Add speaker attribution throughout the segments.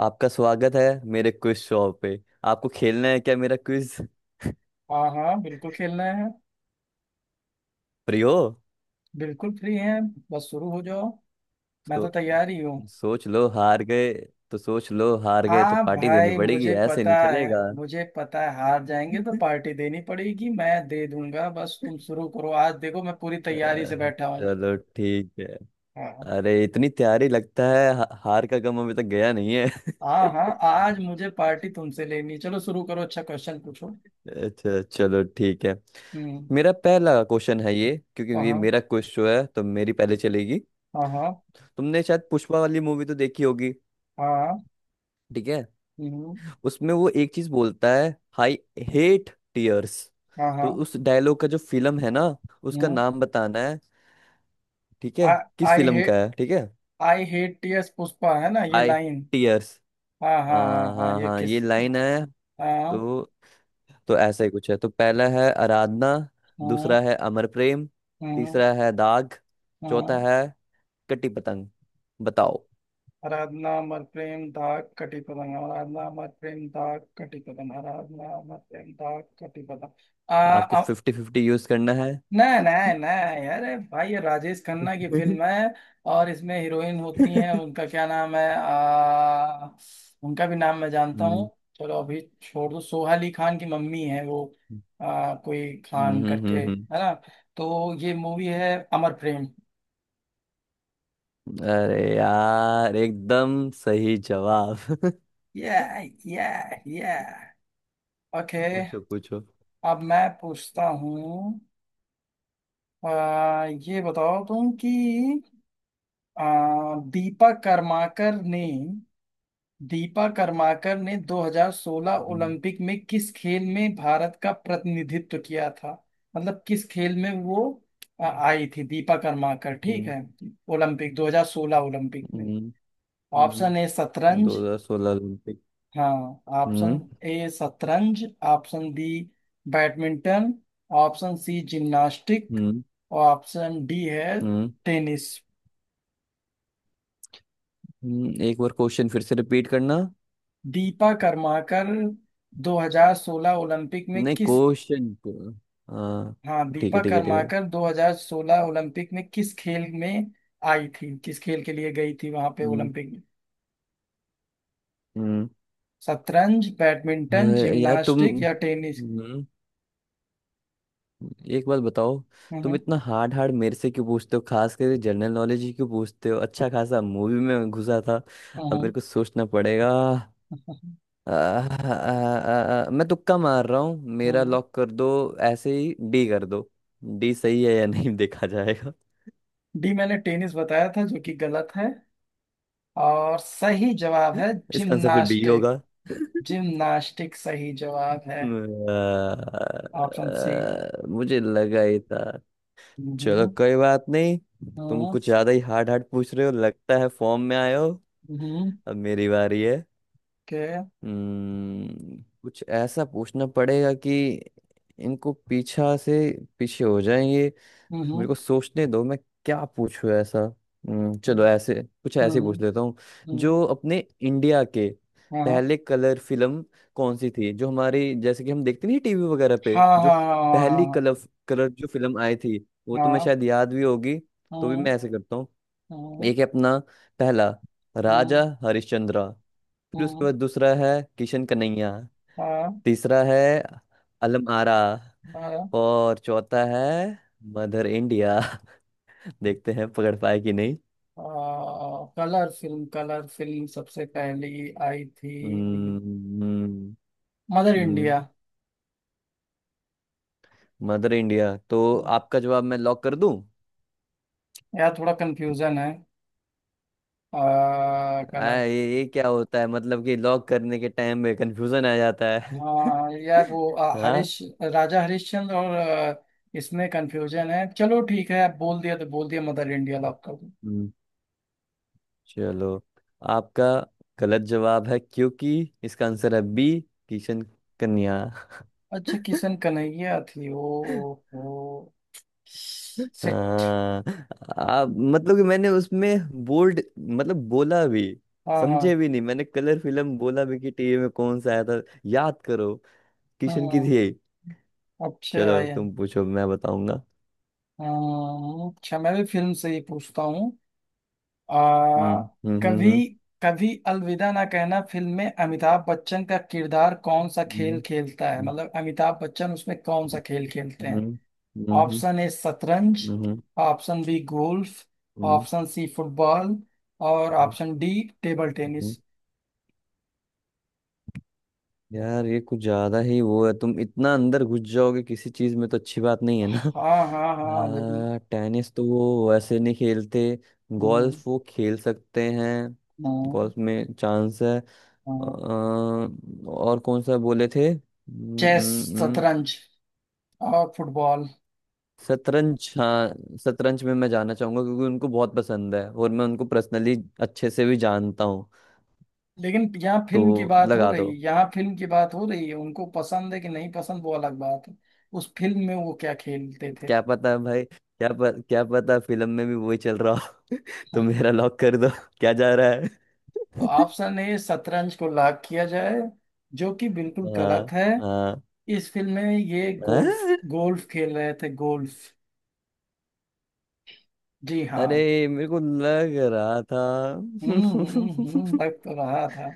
Speaker 1: आपका स्वागत है मेरे क्विज शो पे। आपको खेलना है क्या मेरा क्विज
Speaker 2: हाँ हाँ बिल्कुल खेलना है।
Speaker 1: फ्री हो।
Speaker 2: बिल्कुल फ्री हैं। बस शुरू हो जाओ। मैं तो
Speaker 1: तो
Speaker 2: तैयार ही हूँ।
Speaker 1: सोच लो हार गए तो सोच लो हार गए तो
Speaker 2: हाँ
Speaker 1: पार्टी देनी
Speaker 2: भाई,
Speaker 1: पड़ेगी,
Speaker 2: मुझे
Speaker 1: ऐसे
Speaker 2: पता
Speaker 1: नहीं
Speaker 2: है।
Speaker 1: चलेगा।
Speaker 2: मुझे पता है हार जाएंगे तो पार्टी देनी पड़ेगी। मैं दे दूंगा, बस तुम शुरू करो। आज देखो मैं पूरी
Speaker 1: अ,
Speaker 2: तैयारी से बैठा हूँ।
Speaker 1: चलो ठीक है।
Speaker 2: हाँ।
Speaker 1: अरे इतनी तैयारी लगता है हार का गम अभी तक गया नहीं है।
Speaker 2: हाँ, हाँ आज मुझे पार्टी तुमसे लेनी है। चलो शुरू करो, अच्छा क्वेश्चन पूछो।
Speaker 1: अच्छा चलो ठीक है।
Speaker 2: हम्म।
Speaker 1: मेरा पहला क्वेश्चन है ये, क्योंकि
Speaker 2: हाँ
Speaker 1: ये
Speaker 2: हाँ।
Speaker 1: मेरा क्विज शो है तो मेरी पहले चलेगी।
Speaker 2: हाँ हाँ।
Speaker 1: तुमने शायद पुष्पा वाली मूवी तो देखी होगी।
Speaker 2: हाँ, हाँ।
Speaker 1: ठीक है।
Speaker 2: हम्म।
Speaker 1: उसमें वो एक चीज बोलता है, आई हेट टीयर्स।
Speaker 2: हाँ
Speaker 1: तो
Speaker 2: हाँ।
Speaker 1: उस डायलॉग का जो फिल्म है ना, उसका
Speaker 2: हम्म।
Speaker 1: नाम बताना है। ठीक है। किस
Speaker 2: आई
Speaker 1: फिल्म का
Speaker 2: हेट
Speaker 1: है, ठीक है।
Speaker 2: आई हेट टीएस पुष्पा है ना ये
Speaker 1: आई
Speaker 2: लाइन।
Speaker 1: टीयर्स।
Speaker 2: हाँ हाँ हाँ
Speaker 1: हाँ
Speaker 2: हाँ,
Speaker 1: हाँ
Speaker 2: ये
Speaker 1: हाँ,
Speaker 2: किस
Speaker 1: ये
Speaker 2: की?
Speaker 1: लाइन है।
Speaker 2: हाँ
Speaker 1: तो तो ऐसा ही कुछ है। तो पहला है आराधना।
Speaker 2: हाँ
Speaker 1: दूसरा है अमर प्रेम।
Speaker 2: हाँ।
Speaker 1: तीसरा है दाग। चौथा
Speaker 2: हाँ।
Speaker 1: है कटी पतंग। बताओ।
Speaker 2: आराधना, अमर प्रेम, दाग, कटी पतंग। आराधना, अमर प्रेम, दाग, कटी पतंग। आराधना, अमर प्रेम, दाग, कटी पतंग। आ,
Speaker 1: आपको
Speaker 2: आ,
Speaker 1: फिफ्टी फिफ्टी यूज करना है।
Speaker 2: नहीं नहीं नहीं, अरे भाई ये राजेश खन्ना की फिल्म है। और इसमें हीरोइन होती हैं उनका क्या नाम है। उनका भी नाम मैं जानता हूँ।
Speaker 1: हम्म,
Speaker 2: चलो अभी छोड़ दो, सोहा अली खान की मम्मी है वो। कोई
Speaker 1: हम्म,
Speaker 2: खान करके
Speaker 1: हम्म,
Speaker 2: है
Speaker 1: हम्म।
Speaker 2: ना। तो ये मूवी है अमर प्रेम।
Speaker 1: अरे यार एकदम सही जवाब।
Speaker 2: yeah yeah yeah। ओके।
Speaker 1: पूछो पूछो।
Speaker 2: अब मैं पूछता हूँ। ये बताओ तुम कि आ, दीपा कर्माकर ने दीपा कर्माकर ने 2016
Speaker 1: हम्म,
Speaker 2: ओलंपिक में किस खेल में भारत का प्रतिनिधित्व किया था। मतलब किस खेल में वो आई थी दीपा कर्माकर, ठीक
Speaker 1: हम्म,
Speaker 2: है। ओलंपिक 2016 ओलंपिक में।
Speaker 1: हम्म,
Speaker 2: ऑप्शन ए
Speaker 1: हम्म।
Speaker 2: शतरंज।
Speaker 1: 2016 ओलंपिक।
Speaker 2: हाँ। ऑप्शन
Speaker 1: हम्म,
Speaker 2: ए शतरंज। Option B badminton. Option C gymnastic.
Speaker 1: हम्म,
Speaker 2: और ऑप्शन डी है
Speaker 1: हम्म,
Speaker 2: टेनिस।
Speaker 1: हम्म। एक बार क्वेश्चन फिर से रिपीट करना।
Speaker 2: दीपा कर्माकर 2016 ओलंपिक में
Speaker 1: नहीं,
Speaker 2: किस।
Speaker 1: क्वेश्चन को। हाँ,
Speaker 2: हाँ,
Speaker 1: ठीक
Speaker 2: दीपा
Speaker 1: है ठीक है ठीक है।
Speaker 2: कर्माकर 2016 ओलंपिक में किस खेल में आई थी, किस खेल के लिए गई थी वहां पे
Speaker 1: हम्म,
Speaker 2: ओलंपिक में।
Speaker 1: हम्म।
Speaker 2: शतरंज, बैडमिंटन,
Speaker 1: अरे यार, तुम
Speaker 2: जिम्नास्टिक या टेनिस?
Speaker 1: हम्म एक बात बताओ। तुम
Speaker 2: हम्म।
Speaker 1: इतना हार्ड हार्ड मेरे से क्यों पूछते हो, खास कर जनरल नॉलेज ही क्यों पूछते हो, अच्छा खासा मूवी में घुसा था।
Speaker 2: हम्म।
Speaker 1: अब
Speaker 2: हम्म।
Speaker 1: मेरे को सोचना पड़ेगा।
Speaker 2: हम्म।
Speaker 1: आ, आ, आ, मैं तुक्का मार रहा हूँ, मेरा
Speaker 2: हम्म।
Speaker 1: लॉक कर दो। ऐसे ही डी कर दो। डी सही है या नहीं, देखा जाएगा।
Speaker 2: डी मैंने टेनिस बताया था, जो कि गलत है। और सही जवाब है
Speaker 1: इसका आंसर फिर बी
Speaker 2: जिम्नास्टिक।
Speaker 1: होगा।
Speaker 2: जिम्नास्टिक सही जवाब है। Option C.
Speaker 1: मुझे लगा ही था। चलो,
Speaker 2: हम्म।
Speaker 1: कोई बात नहीं। तुम
Speaker 2: हम्म।
Speaker 1: कुछ ज्यादा ही हार्ड हार्ड पूछ रहे हो, लगता है फॉर्म में आए हो।
Speaker 2: हम्म।
Speaker 1: अब मेरी बारी है।
Speaker 2: के।
Speaker 1: कुछ ऐसा पूछना पड़ेगा कि इनको पीछा से पीछे हो जाएं। तो मेरे
Speaker 2: हम्म।
Speaker 1: को सोचने दो, मैं क्या पूछूं ऐसा। चलो
Speaker 2: हम्म।
Speaker 1: ऐसे, कुछ ऐसे ही
Speaker 2: हम्म।
Speaker 1: पूछ लेता हूँ।
Speaker 2: हम्म।
Speaker 1: जो अपने इंडिया के
Speaker 2: हाँ
Speaker 1: पहले कलर फिल्म कौन सी थी, जो हमारी जैसे कि हम देखते नहीं टीवी वगैरह पे,
Speaker 2: हाँ
Speaker 1: जो
Speaker 2: हाँ
Speaker 1: पहली
Speaker 2: हाँ
Speaker 1: कलर कलर जो फिल्म आई थी, वो तुम्हें
Speaker 2: हाँ
Speaker 1: शायद याद भी होगी। तो भी
Speaker 2: हाँ
Speaker 1: मैं ऐसे करता हूँ।
Speaker 2: हाँ
Speaker 1: एक है अपना पहला, राजा हरिश्चंद्रा। फिर उसके
Speaker 2: हाँ
Speaker 1: बाद दूसरा है किशन कन्हैया।
Speaker 2: हाँ
Speaker 1: तीसरा है अलम आरा।
Speaker 2: हाँ।
Speaker 1: और चौथा है मदर इंडिया। देखते हैं पकड़ पाए कि नहीं।
Speaker 2: हाँ कलर फिल्म, कलर फिल्म सबसे पहली आई थी
Speaker 1: हम्म हम्म
Speaker 2: मदर
Speaker 1: हम्म,
Speaker 2: इंडिया।
Speaker 1: मदर इंडिया तो, आपका जवाब मैं लॉक कर दूं।
Speaker 2: यार थोड़ा कंफ्यूजन है। आ,
Speaker 1: ये क्या होता है, मतलब कि लॉक करने के टाइम में कंफ्यूजन आ जाता है।
Speaker 2: हाँ यार वो हरीश
Speaker 1: हाँ।
Speaker 2: राजा हरिश्चंद्र और। इसमें कंफ्यूजन है। चलो ठीक है, आप बोल दिया तो बोल दिया, मदर इंडिया लॉक कर दो।
Speaker 1: हम्म, चलो। आपका गलत जवाब है, क्योंकि इसका आंसर है बी, किशन कन्या।
Speaker 2: अच्छा किशन कन्हैया थी। ओ। ओ सिट।
Speaker 1: हाँ। मतलब कि मैंने उसमें बोल्ड, मतलब बोला भी,
Speaker 2: हाँ हाँ
Speaker 1: समझे भी नहीं, मैंने कलर फिल्म बोला भी कि टीवी में कौन सा आया था, याद करो। किशन की
Speaker 2: हाँ।
Speaker 1: थी ये।
Speaker 2: अच्छा
Speaker 1: चलो
Speaker 2: यार।
Speaker 1: तुम पूछो, मैं बताऊंगा।
Speaker 2: हाँ, अच्छा मैं भी फिल्म से ही पूछता हूँ। आ
Speaker 1: हम्म, हम्म, हम्म,
Speaker 2: कभी कभी अलविदा ना कहना फिल्म में अमिताभ बच्चन का किरदार कौन सा खेल
Speaker 1: हम्म,
Speaker 2: खेलता है, मतलब अमिताभ बच्चन उसमें कौन सा खेल खेलते हैं?
Speaker 1: हम्म, हम्म,
Speaker 2: ऑप्शन ए शतरंज।
Speaker 1: हम्म,
Speaker 2: ऑप्शन बी गोल्फ।
Speaker 1: हम्म,
Speaker 2: ऑप्शन सी फुटबॉल। और option D table
Speaker 1: hmm.
Speaker 2: Tennis.
Speaker 1: यार ये कुछ ज्यादा ही वो है, तुम इतना अंदर घुस जाओगे किसी चीज में तो अच्छी बात नहीं है ना।
Speaker 2: हाँ हाँ हाँ जरूर।
Speaker 1: हाँ, टेनिस तो वो वैसे नहीं खेलते।
Speaker 2: हम्म।
Speaker 1: गोल्फ वो खेल सकते हैं।
Speaker 2: हाँ
Speaker 1: गोल्फ में चांस है।
Speaker 2: हाँ।
Speaker 1: और कौन सा बोले थे?
Speaker 2: चेस, शतरंज और फुटबॉल।
Speaker 1: शतरंज, हाँ। शतरंज में मैं जाना चाहूंगा, क्योंकि उनको बहुत पसंद है और मैं उनको पर्सनली अच्छे से भी जानता हूँ।
Speaker 2: लेकिन यहाँ फिल्म की
Speaker 1: तो
Speaker 2: बात हो
Speaker 1: लगा
Speaker 2: रही
Speaker 1: दो।
Speaker 2: है, यहाँ फिल्म की बात हो रही है, उनको पसंद है कि नहीं पसंद वो अलग बात है। उस फिल्म में वो क्या खेलते थे?
Speaker 1: क्या पता है भाई, क्या पता फिल्म में भी वही चल रहा हो। तो मेरा लॉक कर दो, क्या जा रहा है।
Speaker 2: तो ऑप्शन ए शतरंज को लॉक किया जाए, जो कि बिल्कुल गलत
Speaker 1: हाँ
Speaker 2: है।
Speaker 1: हाँ,
Speaker 2: इस फिल्म में ये गोल्फ,
Speaker 1: हाँ?
Speaker 2: गोल्फ खेल रहे थे, गोल्फ। जी हाँ।
Speaker 1: अरे मेरे को लग रहा था।
Speaker 2: लग तो रहा था।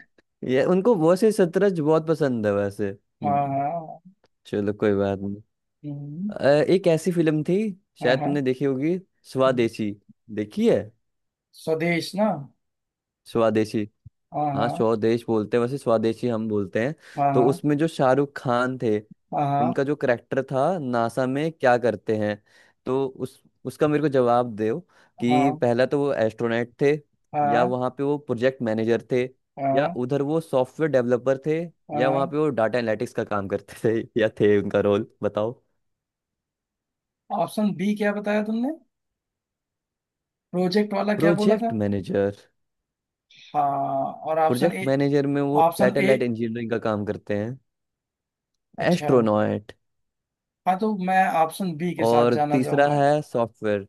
Speaker 1: ये, उनको वैसे शतरंज बहुत पसंद है वैसे।
Speaker 2: हाँ हाँ।
Speaker 1: चलो कोई बात नहीं।
Speaker 2: हम्म,
Speaker 1: अ, एक ऐसी फिल्म थी,
Speaker 2: हाँ
Speaker 1: शायद
Speaker 2: हाँ।
Speaker 1: तुमने देखी होगी,
Speaker 2: हम्म।
Speaker 1: स्वदेशी। देखी है।
Speaker 2: स्वदेश ना।
Speaker 1: स्वदेशी।
Speaker 2: हाँ
Speaker 1: हाँ,
Speaker 2: हाँ
Speaker 1: स्वदेश बोलते हैं वैसे, स्वदेशी हम बोलते हैं। तो
Speaker 2: हाँ
Speaker 1: उसमें जो शाहरुख खान थे,
Speaker 2: हाँ
Speaker 1: उनका जो करेक्टर था, नासा में क्या करते हैं। तो उस उसका मेरे को जवाब दो।
Speaker 2: हाँ
Speaker 1: कि
Speaker 2: हाँ
Speaker 1: पहला तो वो एस्ट्रोनॉट थे।
Speaker 2: हाँ
Speaker 1: या
Speaker 2: हाँ।
Speaker 1: वहाँ पे वो प्रोजेक्ट मैनेजर थे। या
Speaker 2: हाँ,
Speaker 1: उधर वो सॉफ्टवेयर डेवलपर थे।
Speaker 2: हाँ।
Speaker 1: या वहाँ
Speaker 2: हाँ।
Speaker 1: पे वो डाटा एनालिटिक्स का काम करते थे, या थे उनका रोल, बताओ।
Speaker 2: ऑप्शन बी क्या बताया तुमने? प्रोजेक्ट वाला क्या बोला था?
Speaker 1: Project manager.
Speaker 2: हाँ, और ऑप्शन
Speaker 1: प्रोजेक्ट
Speaker 2: ए?
Speaker 1: मैनेजर में वो
Speaker 2: ऑप्शन ए,
Speaker 1: सैटेलाइट इंजीनियरिंग का काम करते हैं।
Speaker 2: अच्छा।
Speaker 1: एस्ट्रोनॉट।
Speaker 2: हाँ, तो मैं ऑप्शन बी के साथ
Speaker 1: और
Speaker 2: जाना
Speaker 1: तीसरा
Speaker 2: चाहूंगा।
Speaker 1: है सॉफ्टवेयर।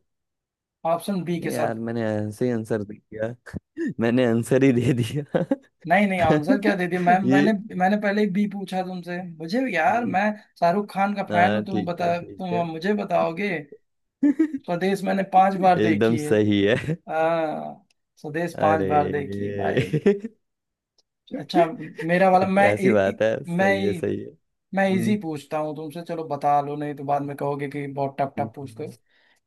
Speaker 2: ऑप्शन बी के
Speaker 1: नहीं
Speaker 2: साथ।
Speaker 1: यार, मैंने ऐसे ही आंसर दे दिया, मैंने आंसर ही दे दिया।
Speaker 2: नहीं नहीं, आंसर क्या दे दिया मैम,
Speaker 1: ये।
Speaker 2: मैंने। मैंने पहले ही बी पूछा तुमसे। मुझे यार,
Speaker 1: नहीं।
Speaker 2: मैं शाहरुख खान का फैन
Speaker 1: हाँ
Speaker 2: हूँ। तुम
Speaker 1: ठीक है
Speaker 2: बता,
Speaker 1: ठीक
Speaker 2: तुम
Speaker 1: है।
Speaker 2: अब मुझे बताओगे? स्वदेश मैंने 5 बार देखी
Speaker 1: एकदम
Speaker 2: है।
Speaker 1: सही है।
Speaker 2: हाँ। स्वदेश पांच
Speaker 1: अरे।
Speaker 2: बार देखी है भाई। अच्छा। मेरा वाला मैं इ,
Speaker 1: ऐसी
Speaker 2: इ,
Speaker 1: बात है,
Speaker 2: मैं
Speaker 1: सही है
Speaker 2: इ-
Speaker 1: सही है।
Speaker 2: मैं इजी
Speaker 1: हम्म,
Speaker 2: पूछता हूँ तुमसे। चलो बता लो, नहीं तो बाद में कहोगे कि बहुत टफ टफ पूछते हो।
Speaker 1: हम्म।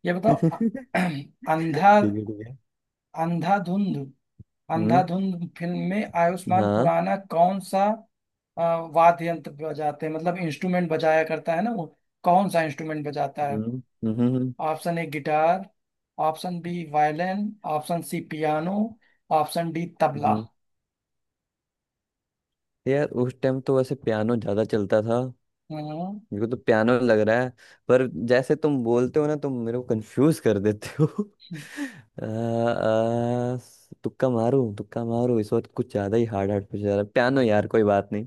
Speaker 2: ये बताओ
Speaker 1: ठीक है
Speaker 2: अ- अंधा
Speaker 1: ठीक है।
Speaker 2: अंधाधुंध,
Speaker 1: हम्म।
Speaker 2: अंधाधुंध फिल्म में आयुष्मान
Speaker 1: हाँ।
Speaker 2: खुराना कौन सा अ, वाद्य यंत्र बजाते हैं, मतलब इंस्ट्रूमेंट बजाया करता है ना वो? कौन सा इंस्ट्रूमेंट बजाता है?
Speaker 1: हम्म, हम्म,
Speaker 2: option A guitar. Option B violin. Option C piano. Option D tabla.
Speaker 1: हम्म। यार उस टाइम तो वैसे पियानो ज्यादा चलता था।
Speaker 2: हम्म।
Speaker 1: मेरे को तो पियानो लग रहा है। पर जैसे तुम बोलते हो ना, तुम मेरे को कंफ्यूज कर देते हो। अ, अ, तुक्का मारूं तुक्का मारूं, इस वक्त कुछ ज्यादा ही हार्ड हार्ड पूछ रहा, पियानो यार कोई बात नहीं।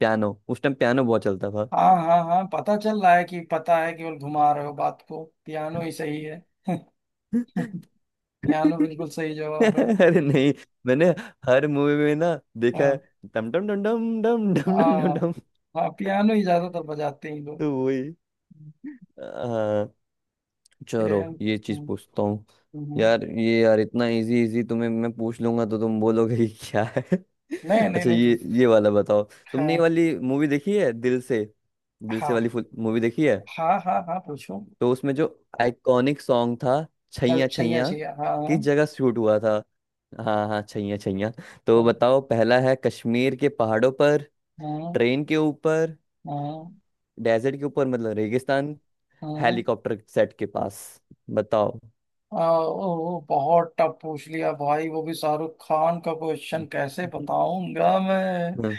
Speaker 1: पियानो, उस टाइम पियानो बहुत चलता था।
Speaker 2: हाँ हाँ हाँ, पता चल रहा है कि पता है, केवल घुमा रहे हो बात को, पियानो ही सही है। पियानो बिल्कुल सही जवाब है।
Speaker 1: अरे नहीं, मैंने हर मूवी में ना देखा है,
Speaker 2: हाँ
Speaker 1: डम डम डम डम डम डम डम डम
Speaker 2: हाँ
Speaker 1: डम।
Speaker 2: हाँ, पियानो ही ज्यादातर बजाते हैं ये लोग।
Speaker 1: तो वही,
Speaker 2: ये,
Speaker 1: चलो ये चीज पूछता हूँ।
Speaker 2: हम्म। हम्म।
Speaker 1: यार ये यार, इतना इजी इजी तुम्हें मैं पूछ लूंगा तो तुम बोलोगे ये क्या है।
Speaker 2: नहीं नहीं
Speaker 1: अच्छा,
Speaker 2: नहीं तो।
Speaker 1: ये वाला बताओ।
Speaker 2: है।
Speaker 1: तुमने ये वाली मूवी देखी है, दिल से। दिल से
Speaker 2: हाँ
Speaker 1: वाली मूवी देखी है।
Speaker 2: हाँ हाँ हाँ पूछो।
Speaker 1: तो उसमें जो आइकॉनिक सॉन्ग था,
Speaker 2: कल
Speaker 1: छैया
Speaker 2: सही है,
Speaker 1: छैया,
Speaker 2: सही है, हाँ
Speaker 1: किस
Speaker 2: हाँ।
Speaker 1: जगह शूट हुआ था? हाँ हाँ, छैया छैया। तो बताओ, पहला है कश्मीर के पहाड़ों पर।
Speaker 2: हाँ
Speaker 1: ट्रेन के ऊपर।
Speaker 2: हाँ
Speaker 1: डेजर्ट के ऊपर, मतलब रेगिस्तान।
Speaker 2: हाँ।
Speaker 1: हेलीकॉप्टर सेट के पास। बताओ।
Speaker 2: ओ, बहुत टफ पूछ लिया भाई, वो भी शाहरुख खान का क्वेश्चन, कैसे बताऊंगा मैं?
Speaker 1: हम्म।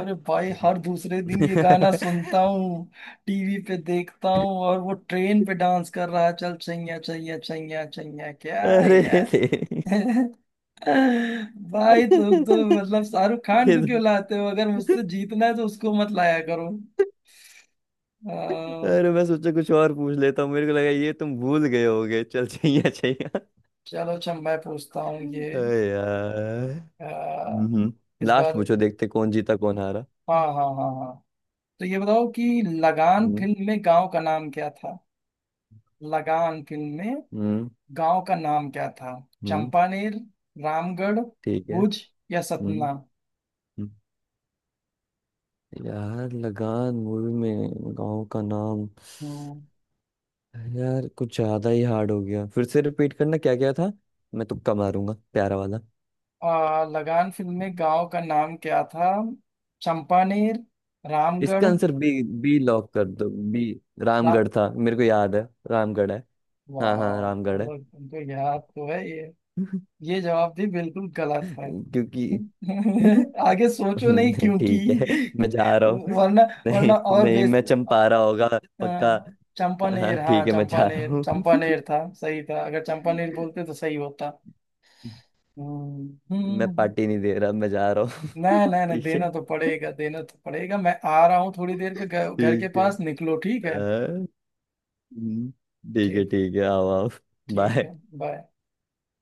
Speaker 2: अरे भाई हर दूसरे दिन ये गाना
Speaker 1: अरे
Speaker 2: सुनता हूँ। टीवी पे देखता हूँ और वो ट्रेन पे डांस कर रहा है, चल चैया चैया चैया चैया क्या यार।
Speaker 1: तेरी,
Speaker 2: भाई तुम तो मतलब शाहरुख खान
Speaker 1: ये
Speaker 2: को
Speaker 1: तो-
Speaker 2: क्यों लाते हो? अगर मुझसे जीतना है तो उसको मत लाया करो। अह,
Speaker 1: अरे मैं सोचा कुछ और पूछ लेता हूँ, मेरे को लगा ये तुम भूल गए होगे, चल चाहिए चाहिए।
Speaker 2: चलो अच्छा मैं पूछता हूँ ये।
Speaker 1: अरे यार,
Speaker 2: अह,
Speaker 1: हम्म,
Speaker 2: इस
Speaker 1: लास्ट
Speaker 2: बार।
Speaker 1: पूछो, देखते कौन जीता कौन हारा।
Speaker 2: हाँ हाँ हाँ हाँ। तो ये बताओ कि लगान
Speaker 1: हम्म
Speaker 2: फिल्म में गांव का नाम क्या था? लगान फिल्म में
Speaker 1: हम्म
Speaker 2: गांव का नाम क्या था?
Speaker 1: हम्म,
Speaker 2: चंपानेर, रामगढ़,
Speaker 1: ठीक है।
Speaker 2: भुज या
Speaker 1: हम्म,
Speaker 2: सतना?
Speaker 1: हम्म। यार लगान मूवी में गांव का नाम,
Speaker 2: हम्म।
Speaker 1: यार कुछ ज्यादा ही हार्ड हो गया, फिर से रिपीट करना क्या क्या था। मैं तुक्का मारूंगा प्यारा वाला।
Speaker 2: लगान फिल्म में गांव का नाम क्या था? चंपानेर, रामगढ़।
Speaker 1: इसका आंसर बी, बी लॉक कर दो, बी।
Speaker 2: रा,
Speaker 1: रामगढ़ था मेरे को याद है। रामगढ़ है। हाँ हाँ,
Speaker 2: वाह,
Speaker 1: रामगढ़ है।
Speaker 2: चलो तुमको याद तो है ये। ये जवाब भी बिल्कुल गलत है।
Speaker 1: क्योंकि,
Speaker 2: आगे सोचो नहीं
Speaker 1: नहीं,
Speaker 2: क्योंकि।
Speaker 1: ठीक है। मैं जा रहा हूँ।
Speaker 2: वरना।
Speaker 1: नहीं
Speaker 2: वरना और
Speaker 1: नहीं,
Speaker 2: बेस।
Speaker 1: मैं, चंपारा होगा
Speaker 2: अ,
Speaker 1: पक्का। हाँ
Speaker 2: चंपानेर, हाँ
Speaker 1: ठीक है, मैं जा रहा
Speaker 2: चंपानेर,
Speaker 1: हूँ।
Speaker 2: चंपानेर था सही था, अगर चंपानेर बोलते तो सही होता। हम्म।
Speaker 1: मैं
Speaker 2: हम्म।
Speaker 1: पार्टी नहीं दे रहा, मैं जा रहा हूँ,
Speaker 2: नहीं नहीं नहीं,
Speaker 1: ठीक है।
Speaker 2: देना तो पड़ेगा, देना तो पड़ेगा। मैं आ रहा हूँ थोड़ी देर पे, घर घर के
Speaker 1: ठीक है
Speaker 2: पास निकलो ठीक है।
Speaker 1: हाँ, हम्म, ठीक है
Speaker 2: ठीक,
Speaker 1: ठीक है, आओ आओ।
Speaker 2: ठीक है।
Speaker 1: बाय।
Speaker 2: बाय।